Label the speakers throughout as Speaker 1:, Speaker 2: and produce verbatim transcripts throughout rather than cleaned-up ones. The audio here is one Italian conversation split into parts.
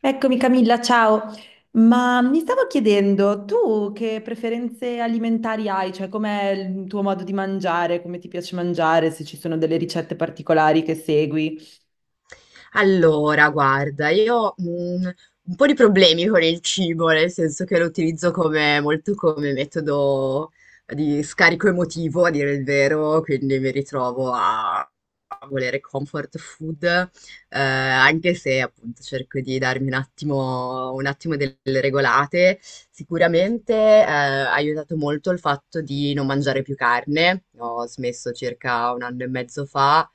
Speaker 1: Eccomi Camilla, ciao. Ma mi stavo chiedendo, tu che preferenze alimentari hai? Cioè, com'è il tuo modo di mangiare? Come ti piace mangiare? Se ci sono delle ricette particolari che segui?
Speaker 2: Allora, guarda, io mh, un po' di problemi con il cibo, nel senso che lo utilizzo come, molto come metodo di scarico emotivo, a dire il vero, quindi mi ritrovo a, a volere comfort food, eh, anche se appunto cerco di darmi un attimo, un attimo delle regolate. Sicuramente eh, ha aiutato molto il fatto di non mangiare più carne, ho smesso circa un anno e mezzo fa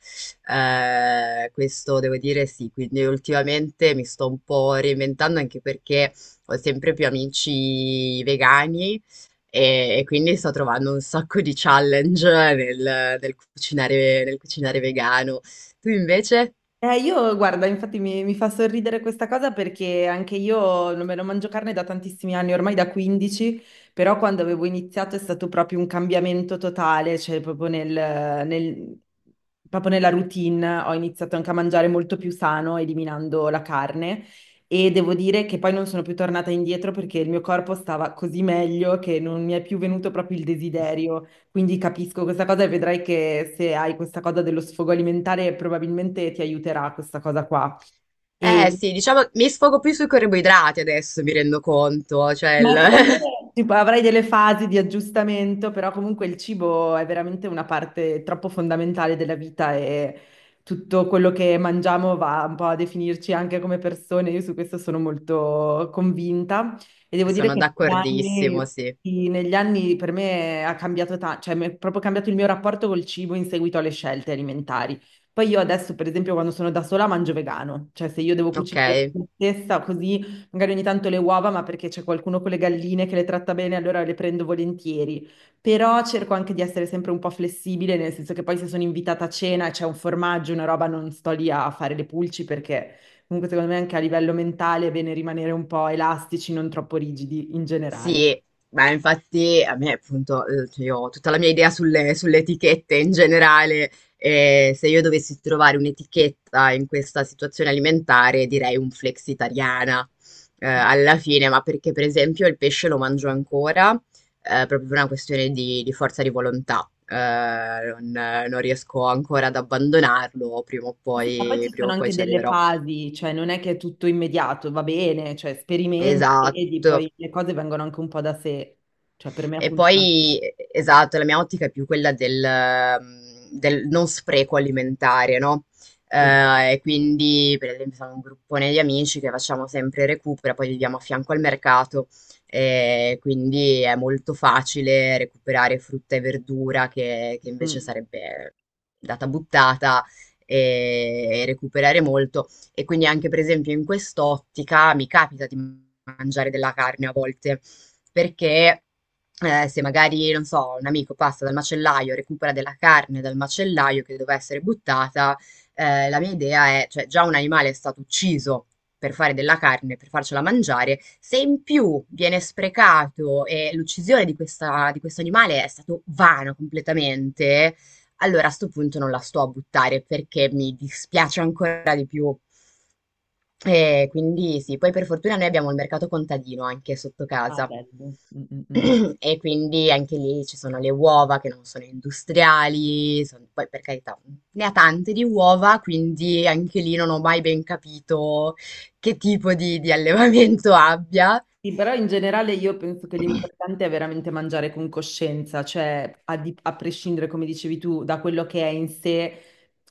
Speaker 2: eh, questo devo dire sì, quindi ultimamente mi sto un po' reinventando anche perché ho sempre più amici vegani e, e quindi sto trovando un sacco di challenge nel, nel cucinare, nel cucinare vegano. Tu invece?
Speaker 1: Eh, io, guarda, infatti mi, mi fa sorridere questa cosa perché anche io non me lo mangio carne da tantissimi anni, ormai da quindici. Però quando avevo iniziato è stato proprio un cambiamento totale, cioè proprio nel, nel- proprio nella routine ho iniziato anche a mangiare molto più sano, eliminando la carne, e devo dire che poi non sono più tornata indietro perché il mio corpo stava così meglio che non mi è più venuto proprio il desiderio. Quindi capisco questa cosa e vedrai che se hai questa cosa dello sfogo alimentare probabilmente ti aiuterà questa cosa qua. E
Speaker 2: Eh
Speaker 1: sì.
Speaker 2: sì, diciamo mi sfogo più sui carboidrati adesso, mi rendo conto, cioè
Speaker 1: Ma secondo
Speaker 2: il-
Speaker 1: me tipo, avrai delle fasi di aggiustamento, però comunque il cibo è veramente una parte troppo fondamentale della vita e tutto quello che mangiamo va un po' a definirci anche come persone. Io su questo sono molto convinta e devo dire
Speaker 2: sono
Speaker 1: che negli anni,
Speaker 2: d'accordissimo, sì.
Speaker 1: sì, negli anni per me ha cambiato tanto, cioè mi è proprio cambiato il mio rapporto col cibo in seguito alle scelte alimentari. Poi io adesso, per esempio, quando sono da sola mangio vegano, cioè se io devo
Speaker 2: Ok.
Speaker 1: cucinare per me stessa così. Magari ogni tanto le uova, ma perché c'è qualcuno con le galline che le tratta bene, allora le prendo volentieri. Però cerco anche di essere sempre un po' flessibile, nel senso che poi se sono invitata a cena e c'è un formaggio, una roba, non sto lì a fare le pulci perché comunque secondo me anche a livello mentale è bene rimanere un po' elastici, non troppo rigidi in generale.
Speaker 2: Sì, ma infatti a me appunto, uhm, cioè io ho tutta la mia idea sulle sulle etichette in generale, e se io dovessi trovare un'etichetta in questa situazione alimentare direi un flexitariana, uhm, alla fine, ma perché per esempio il pesce lo mangio ancora, uhm, proprio per una questione di di forza di volontà, uhm, non non riesco ancora ad abbandonarlo, prima o
Speaker 1: Ma sì, ma poi
Speaker 2: poi
Speaker 1: ci
Speaker 2: prima
Speaker 1: sono
Speaker 2: o poi
Speaker 1: anche
Speaker 2: ci
Speaker 1: delle
Speaker 2: arriverò.
Speaker 1: fasi, cioè non è che è tutto immediato, va bene, cioè sperimenta, vedi,
Speaker 2: Esatto.
Speaker 1: poi le cose vengono anche un po' da sé, cioè per me
Speaker 2: E
Speaker 1: appunto,
Speaker 2: poi, esatto, la mia ottica è più quella del, ehm, del non spreco alimentare, no? Eh,
Speaker 1: esatto.
Speaker 2: e quindi, per esempio, sono un gruppone di amici che facciamo sempre recupera, poi viviamo a fianco al mercato, e quindi è molto facile recuperare frutta e verdura che, che invece
Speaker 1: Mm.
Speaker 2: sarebbe data buttata e, e recuperare molto. E quindi anche, per esempio, in quest'ottica mi capita di mangiare della carne a volte perché eh, se magari, non so, un amico passa dal macellaio, recupera della carne dal macellaio che doveva essere buttata, eh, la mia idea è, cioè già un animale è stato ucciso per fare della carne, per farcela mangiare, se in più viene sprecato e l'uccisione di questa, di questo animale è stato vano completamente, allora a sto punto non la sto a buttare perché mi dispiace ancora di più. E quindi sì, poi per fortuna noi abbiamo il mercato contadino anche sotto
Speaker 1: Ah,
Speaker 2: casa.
Speaker 1: bello. Mm, mm, mm.
Speaker 2: E quindi anche lì ci sono le uova che non sono industriali, son- poi per carità ne ha tante di uova, quindi anche lì non ho mai ben capito che tipo di, di allevamento abbia.
Speaker 1: Sì, però in generale io penso che l'importante è veramente mangiare con coscienza, cioè a, di- a prescindere, come dicevi tu, da quello che è in sé,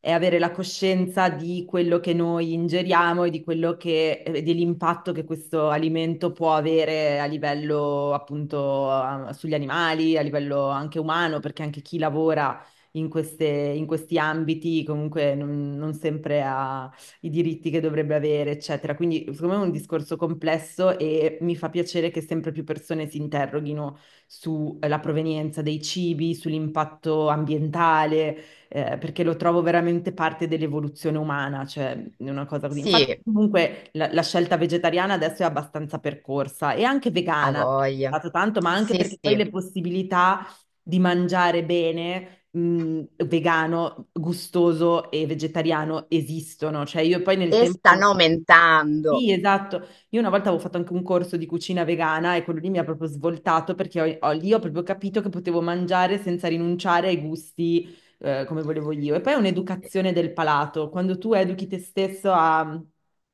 Speaker 1: è avere la coscienza di quello che noi ingeriamo e di quello che, e dell'impatto che questo alimento può avere a livello appunto a- sugli animali, a livello anche umano, perché anche chi lavora in queste- in questi ambiti comunque non non sempre ha i diritti che dovrebbe avere, eccetera. Quindi, secondo me è un discorso complesso e mi fa piacere che sempre più persone si interroghino sulla provenienza dei cibi, sull'impatto ambientale, eh, perché lo trovo veramente parte dell'evoluzione umana, cioè è una cosa così. Infatti,
Speaker 2: Sì,
Speaker 1: comunque, la, la scelta vegetariana adesso è abbastanza percorsa e anche
Speaker 2: a
Speaker 1: vegana, è
Speaker 2: voglia.
Speaker 1: stato tanto, ma anche
Speaker 2: Sì,
Speaker 1: perché poi
Speaker 2: sì.
Speaker 1: le possibilità di mangiare bene mh, vegano, gustoso e vegetariano esistono. Cioè, io poi nel
Speaker 2: E
Speaker 1: tempo.
Speaker 2: stanno aumentando.
Speaker 1: Sì, esatto. Io una volta avevo fatto anche un corso di cucina vegana e quello lì mi ha proprio svoltato perché ho- ho- lì ho proprio capito che potevo mangiare senza rinunciare ai gusti, eh, come volevo io. E poi è un'educazione del palato. Quando tu educhi te stesso a,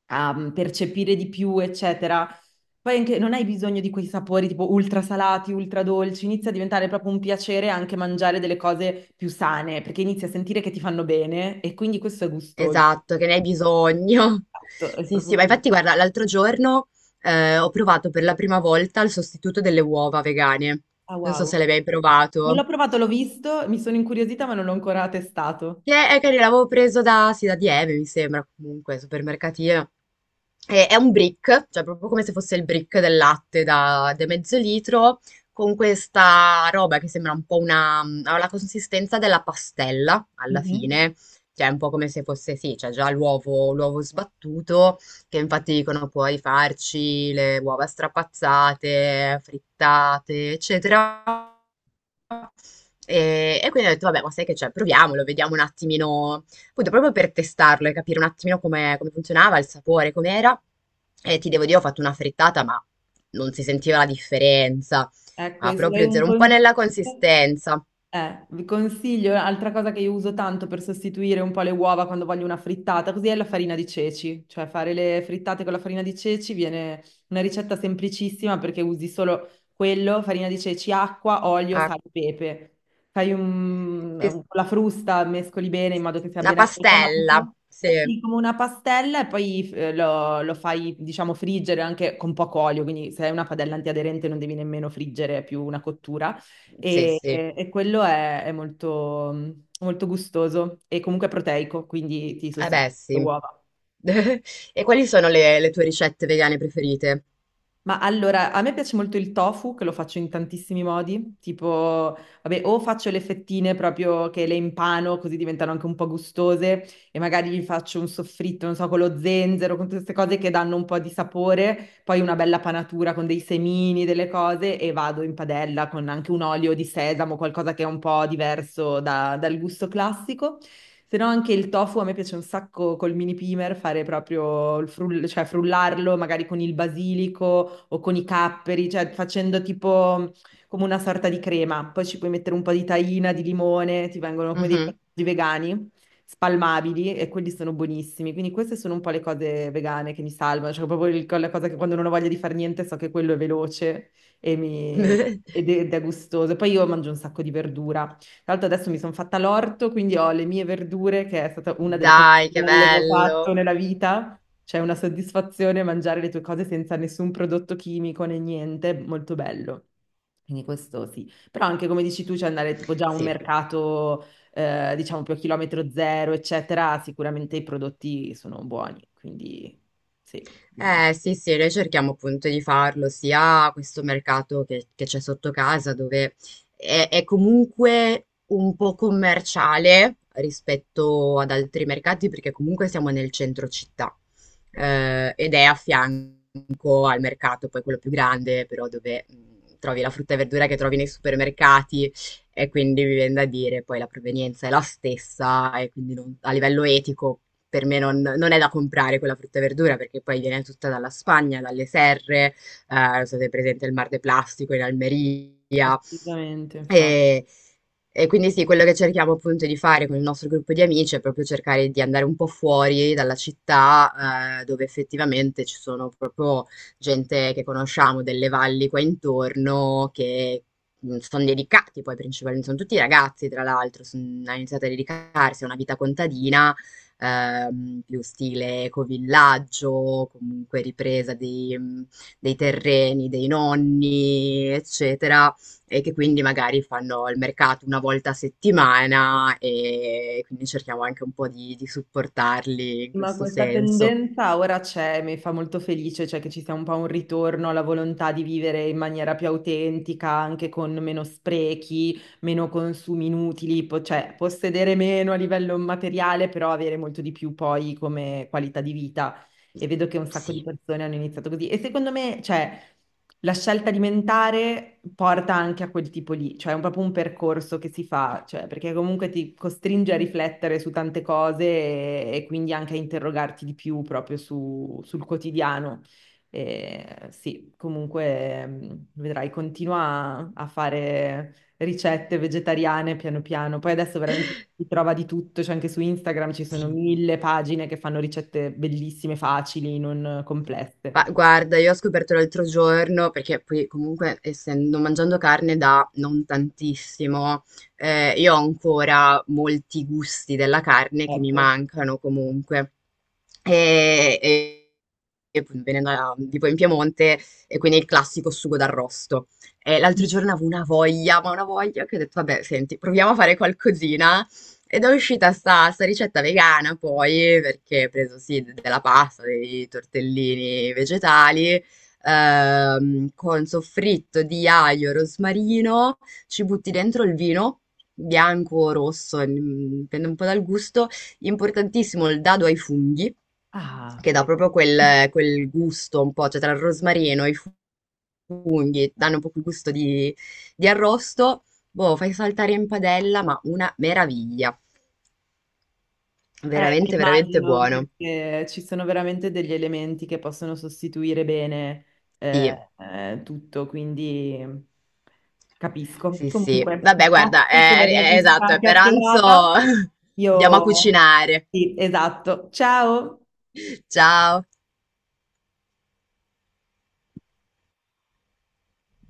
Speaker 1: a mm, percepire di più, eccetera, poi anche non hai bisogno di quei sapori tipo ultra salati, ultra dolci. Inizia a diventare proprio un piacere anche mangiare delle cose più sane perché inizi a sentire che ti fanno bene e quindi questo è gustoso.
Speaker 2: Esatto, che ne hai bisogno.
Speaker 1: Esatto, è
Speaker 2: Sì,
Speaker 1: proprio
Speaker 2: sì, ma
Speaker 1: così.
Speaker 2: infatti guarda, l'altro giorno eh, ho provato per la prima volta il sostituto delle uova vegane.
Speaker 1: Ah,
Speaker 2: Non so se
Speaker 1: wow.
Speaker 2: l'hai mai
Speaker 1: Non
Speaker 2: provato.
Speaker 1: l'ho provato, l'ho visto, mi sono incuriosita, ma non l'ho ancora testato.
Speaker 2: Che è carino, l'avevo preso da, sì, da Dieve, mi sembra, comunque, supermercatino. E- è un brick, cioè proprio come se fosse il brick del latte da, da mezzo litro, con questa roba che sembra un po' una ha la consistenza della pastella, alla
Speaker 1: Mhm.
Speaker 2: fine. Cioè, è un po' come se fosse, sì, c'è già l'uovo l'uovo sbattuto, che infatti dicono puoi farci le uova strapazzate, frittate, eccetera. E, e quindi ho detto, vabbè, ma sai che c'è, proviamolo, vediamo un attimino, appunto, proprio per testarlo e capire un attimino come, come funzionava, il sapore, com'era. E ti devo dire, ho fatto una frittata, ma non si sentiva la differenza,
Speaker 1: Ecco,
Speaker 2: ma
Speaker 1: e se vuoi
Speaker 2: proprio
Speaker 1: un
Speaker 2: zero, un po'
Speaker 1: consiglio...
Speaker 2: nella consistenza.
Speaker 1: Eh, vi consiglio, altra cosa che io uso tanto per sostituire un po' le uova quando voglio una frittata, così è la farina di ceci, cioè fare le frittate con la farina di ceci viene una ricetta semplicissima perché usi solo quello, farina di ceci, acqua, olio,
Speaker 2: Ah,
Speaker 1: sale e pepe. Fai un,
Speaker 2: sì,
Speaker 1: un- la
Speaker 2: sì.
Speaker 1: frusta, mescoli bene in modo che sia
Speaker 2: Una
Speaker 1: ben
Speaker 2: pastella,
Speaker 1: amalgamato.
Speaker 2: sì,
Speaker 1: Sì, come una pastella e poi eh, lo, lo fai, diciamo, friggere anche con poco olio, quindi se hai una padella antiaderente non devi nemmeno friggere, è più una cottura.
Speaker 2: sì,
Speaker 1: E,
Speaker 2: sì,
Speaker 1: e quello è, è molto, molto gustoso e comunque proteico, quindi ti
Speaker 2: eh
Speaker 1: sostituisce
Speaker 2: beh,
Speaker 1: le
Speaker 2: sì.
Speaker 1: uova.
Speaker 2: E quali sono le, le tue ricette vegane preferite?
Speaker 1: Ma allora, a me piace molto il tofu, che lo faccio in tantissimi modi, tipo, vabbè, o faccio le fettine proprio che le impano, così diventano anche un po' gustose, e magari gli faccio un soffritto, non so, con lo zenzero, con tutte queste cose che danno un po' di sapore, poi una bella panatura con dei semini, delle cose e vado in padella con anche un olio di sesamo, qualcosa che è un po' diverso da- dal gusto classico. Se no anche il tofu a me piace un sacco col mini pimer fare proprio il frull- cioè frullarlo magari con il basilico o con i capperi, cioè facendo tipo mm, come una sorta di crema. Poi ci puoi mettere un po' di tahina, di limone, ti vengono come dei
Speaker 2: Mhm.
Speaker 1: piatti vegani spalmabili e quelli sono buonissimi. Quindi queste sono un po' le cose vegane che mi salvano, cioè proprio il- la cosa che quando non ho voglia di fare niente so che quello è veloce e mi- ed è, ed è gustoso. E poi io mangio un sacco di verdura. Tra l'altro adesso mi sono fatta l'orto, quindi ho le mie verdure, che è stata una delle cose
Speaker 2: Dai,
Speaker 1: più
Speaker 2: che
Speaker 1: belle che ho fatto
Speaker 2: bello!
Speaker 1: nella vita. C'è una soddisfazione mangiare le tue cose senza nessun prodotto chimico né niente, molto bello. Quindi questo sì. Però anche come dici tu, c'è andare tipo già a un mercato eh, diciamo più a chilometro zero, eccetera, sicuramente i prodotti sono buoni, quindi sì,
Speaker 2: Eh sì, sì, noi cerchiamo appunto di farlo sia a questo mercato che che c'è sotto casa, dove è, è comunque un po' commerciale rispetto ad altri mercati, perché comunque siamo nel centro città, eh, ed è a fianco al mercato, poi quello più grande, però dove mh, trovi la frutta e verdura che trovi nei supermercati, e quindi mi viene da dire, poi la provenienza è la stessa, e quindi non- a livello etico per me non, non è da comprare quella frutta e verdura perché poi viene tutta dalla Spagna, dalle serre, eh, state presente il Mar de Plastico in Almeria.
Speaker 1: assolutamente, infatti.
Speaker 2: E, e quindi sì, quello che cerchiamo appunto di fare con il nostro gruppo di amici è proprio cercare di andare un po' fuori dalla città, eh, dove effettivamente ci sono proprio gente che conosciamo delle valli qua intorno che mh, sono dedicati poi principalmente, sono tutti ragazzi tra l'altro, son- hanno iniziato a dedicarsi a una vita contadina ehm, più stile ecovillaggio, comunque ripresa di, mh, dei terreni, dei nonni, eccetera, e che quindi magari fanno il mercato una volta a settimana e quindi cerchiamo anche un po' di, di supportarli in
Speaker 1: Ma
Speaker 2: questo
Speaker 1: questa
Speaker 2: senso.
Speaker 1: tendenza ora c'è, mi fa molto felice, cioè che ci sia un po' un ritorno alla volontà di vivere in maniera più autentica, anche con meno sprechi, meno consumi inutili, po- cioè possedere meno a livello materiale, però avere molto di più poi come qualità di vita. E vedo che un sacco di
Speaker 2: Sì,
Speaker 1: persone hanno iniziato così. E secondo me, cioè, la scelta alimentare porta anche a quel tipo lì, cioè è un- proprio un percorso che si fa, cioè, perché comunque ti costringe a riflettere su tante cose e, e quindi anche a interrogarti di più proprio su- sul quotidiano. E, sì, comunque mm, vedrai, continua a a fare ricette vegetariane piano piano. Poi adesso veramente si trova di tutto, cioè anche su Instagram ci sono
Speaker 2: sì.
Speaker 1: mille pagine che fanno ricette bellissime, facili, non complesse.
Speaker 2: Ma guarda, io ho scoperto l'altro giorno, perché poi comunque essendo mangiando carne da non tantissimo, eh, io ho ancora molti gusti della carne che mi
Speaker 1: Certo.
Speaker 2: mancano comunque. E, e- e poi venendo da- tipo in Piemonte, e quindi il classico sugo d'arrosto. E l'altro giorno avevo una voglia, ma una voglia che ho detto, vabbè, senti, proviamo a fare qualcosina ed è uscita sta, sta ricetta vegana poi, perché ho preso sì de- della pasta, dei tortellini vegetali, ehm, con soffritto di aglio, rosmarino, ci butti dentro il vino, bianco o rosso, mm, dipende un po' dal gusto, importantissimo il dado ai funghi,
Speaker 1: Ah,
Speaker 2: che dà
Speaker 1: vedi.
Speaker 2: proprio quel, quel gusto un po', cioè tra il rosmarino e i funghi, danno un po' quel gusto di, di arrosto, boh, fai saltare in padella, ma una meraviglia.
Speaker 1: Eh,
Speaker 2: Veramente,
Speaker 1: ma
Speaker 2: veramente
Speaker 1: immagino
Speaker 2: buono.
Speaker 1: perché ci sono veramente degli elementi che possono sostituire bene
Speaker 2: Sì,
Speaker 1: eh, eh, tutto, quindi capisco.
Speaker 2: sì, sì.
Speaker 1: Comunque,
Speaker 2: Vabbè, guarda, eh,
Speaker 1: grazie per
Speaker 2: è, è-
Speaker 1: questa
Speaker 2: esatto, è per
Speaker 1: chiacchierata.
Speaker 2: pranzo andiamo a
Speaker 1: Io
Speaker 2: cucinare.
Speaker 1: sì, esatto. Ciao!
Speaker 2: Ciao.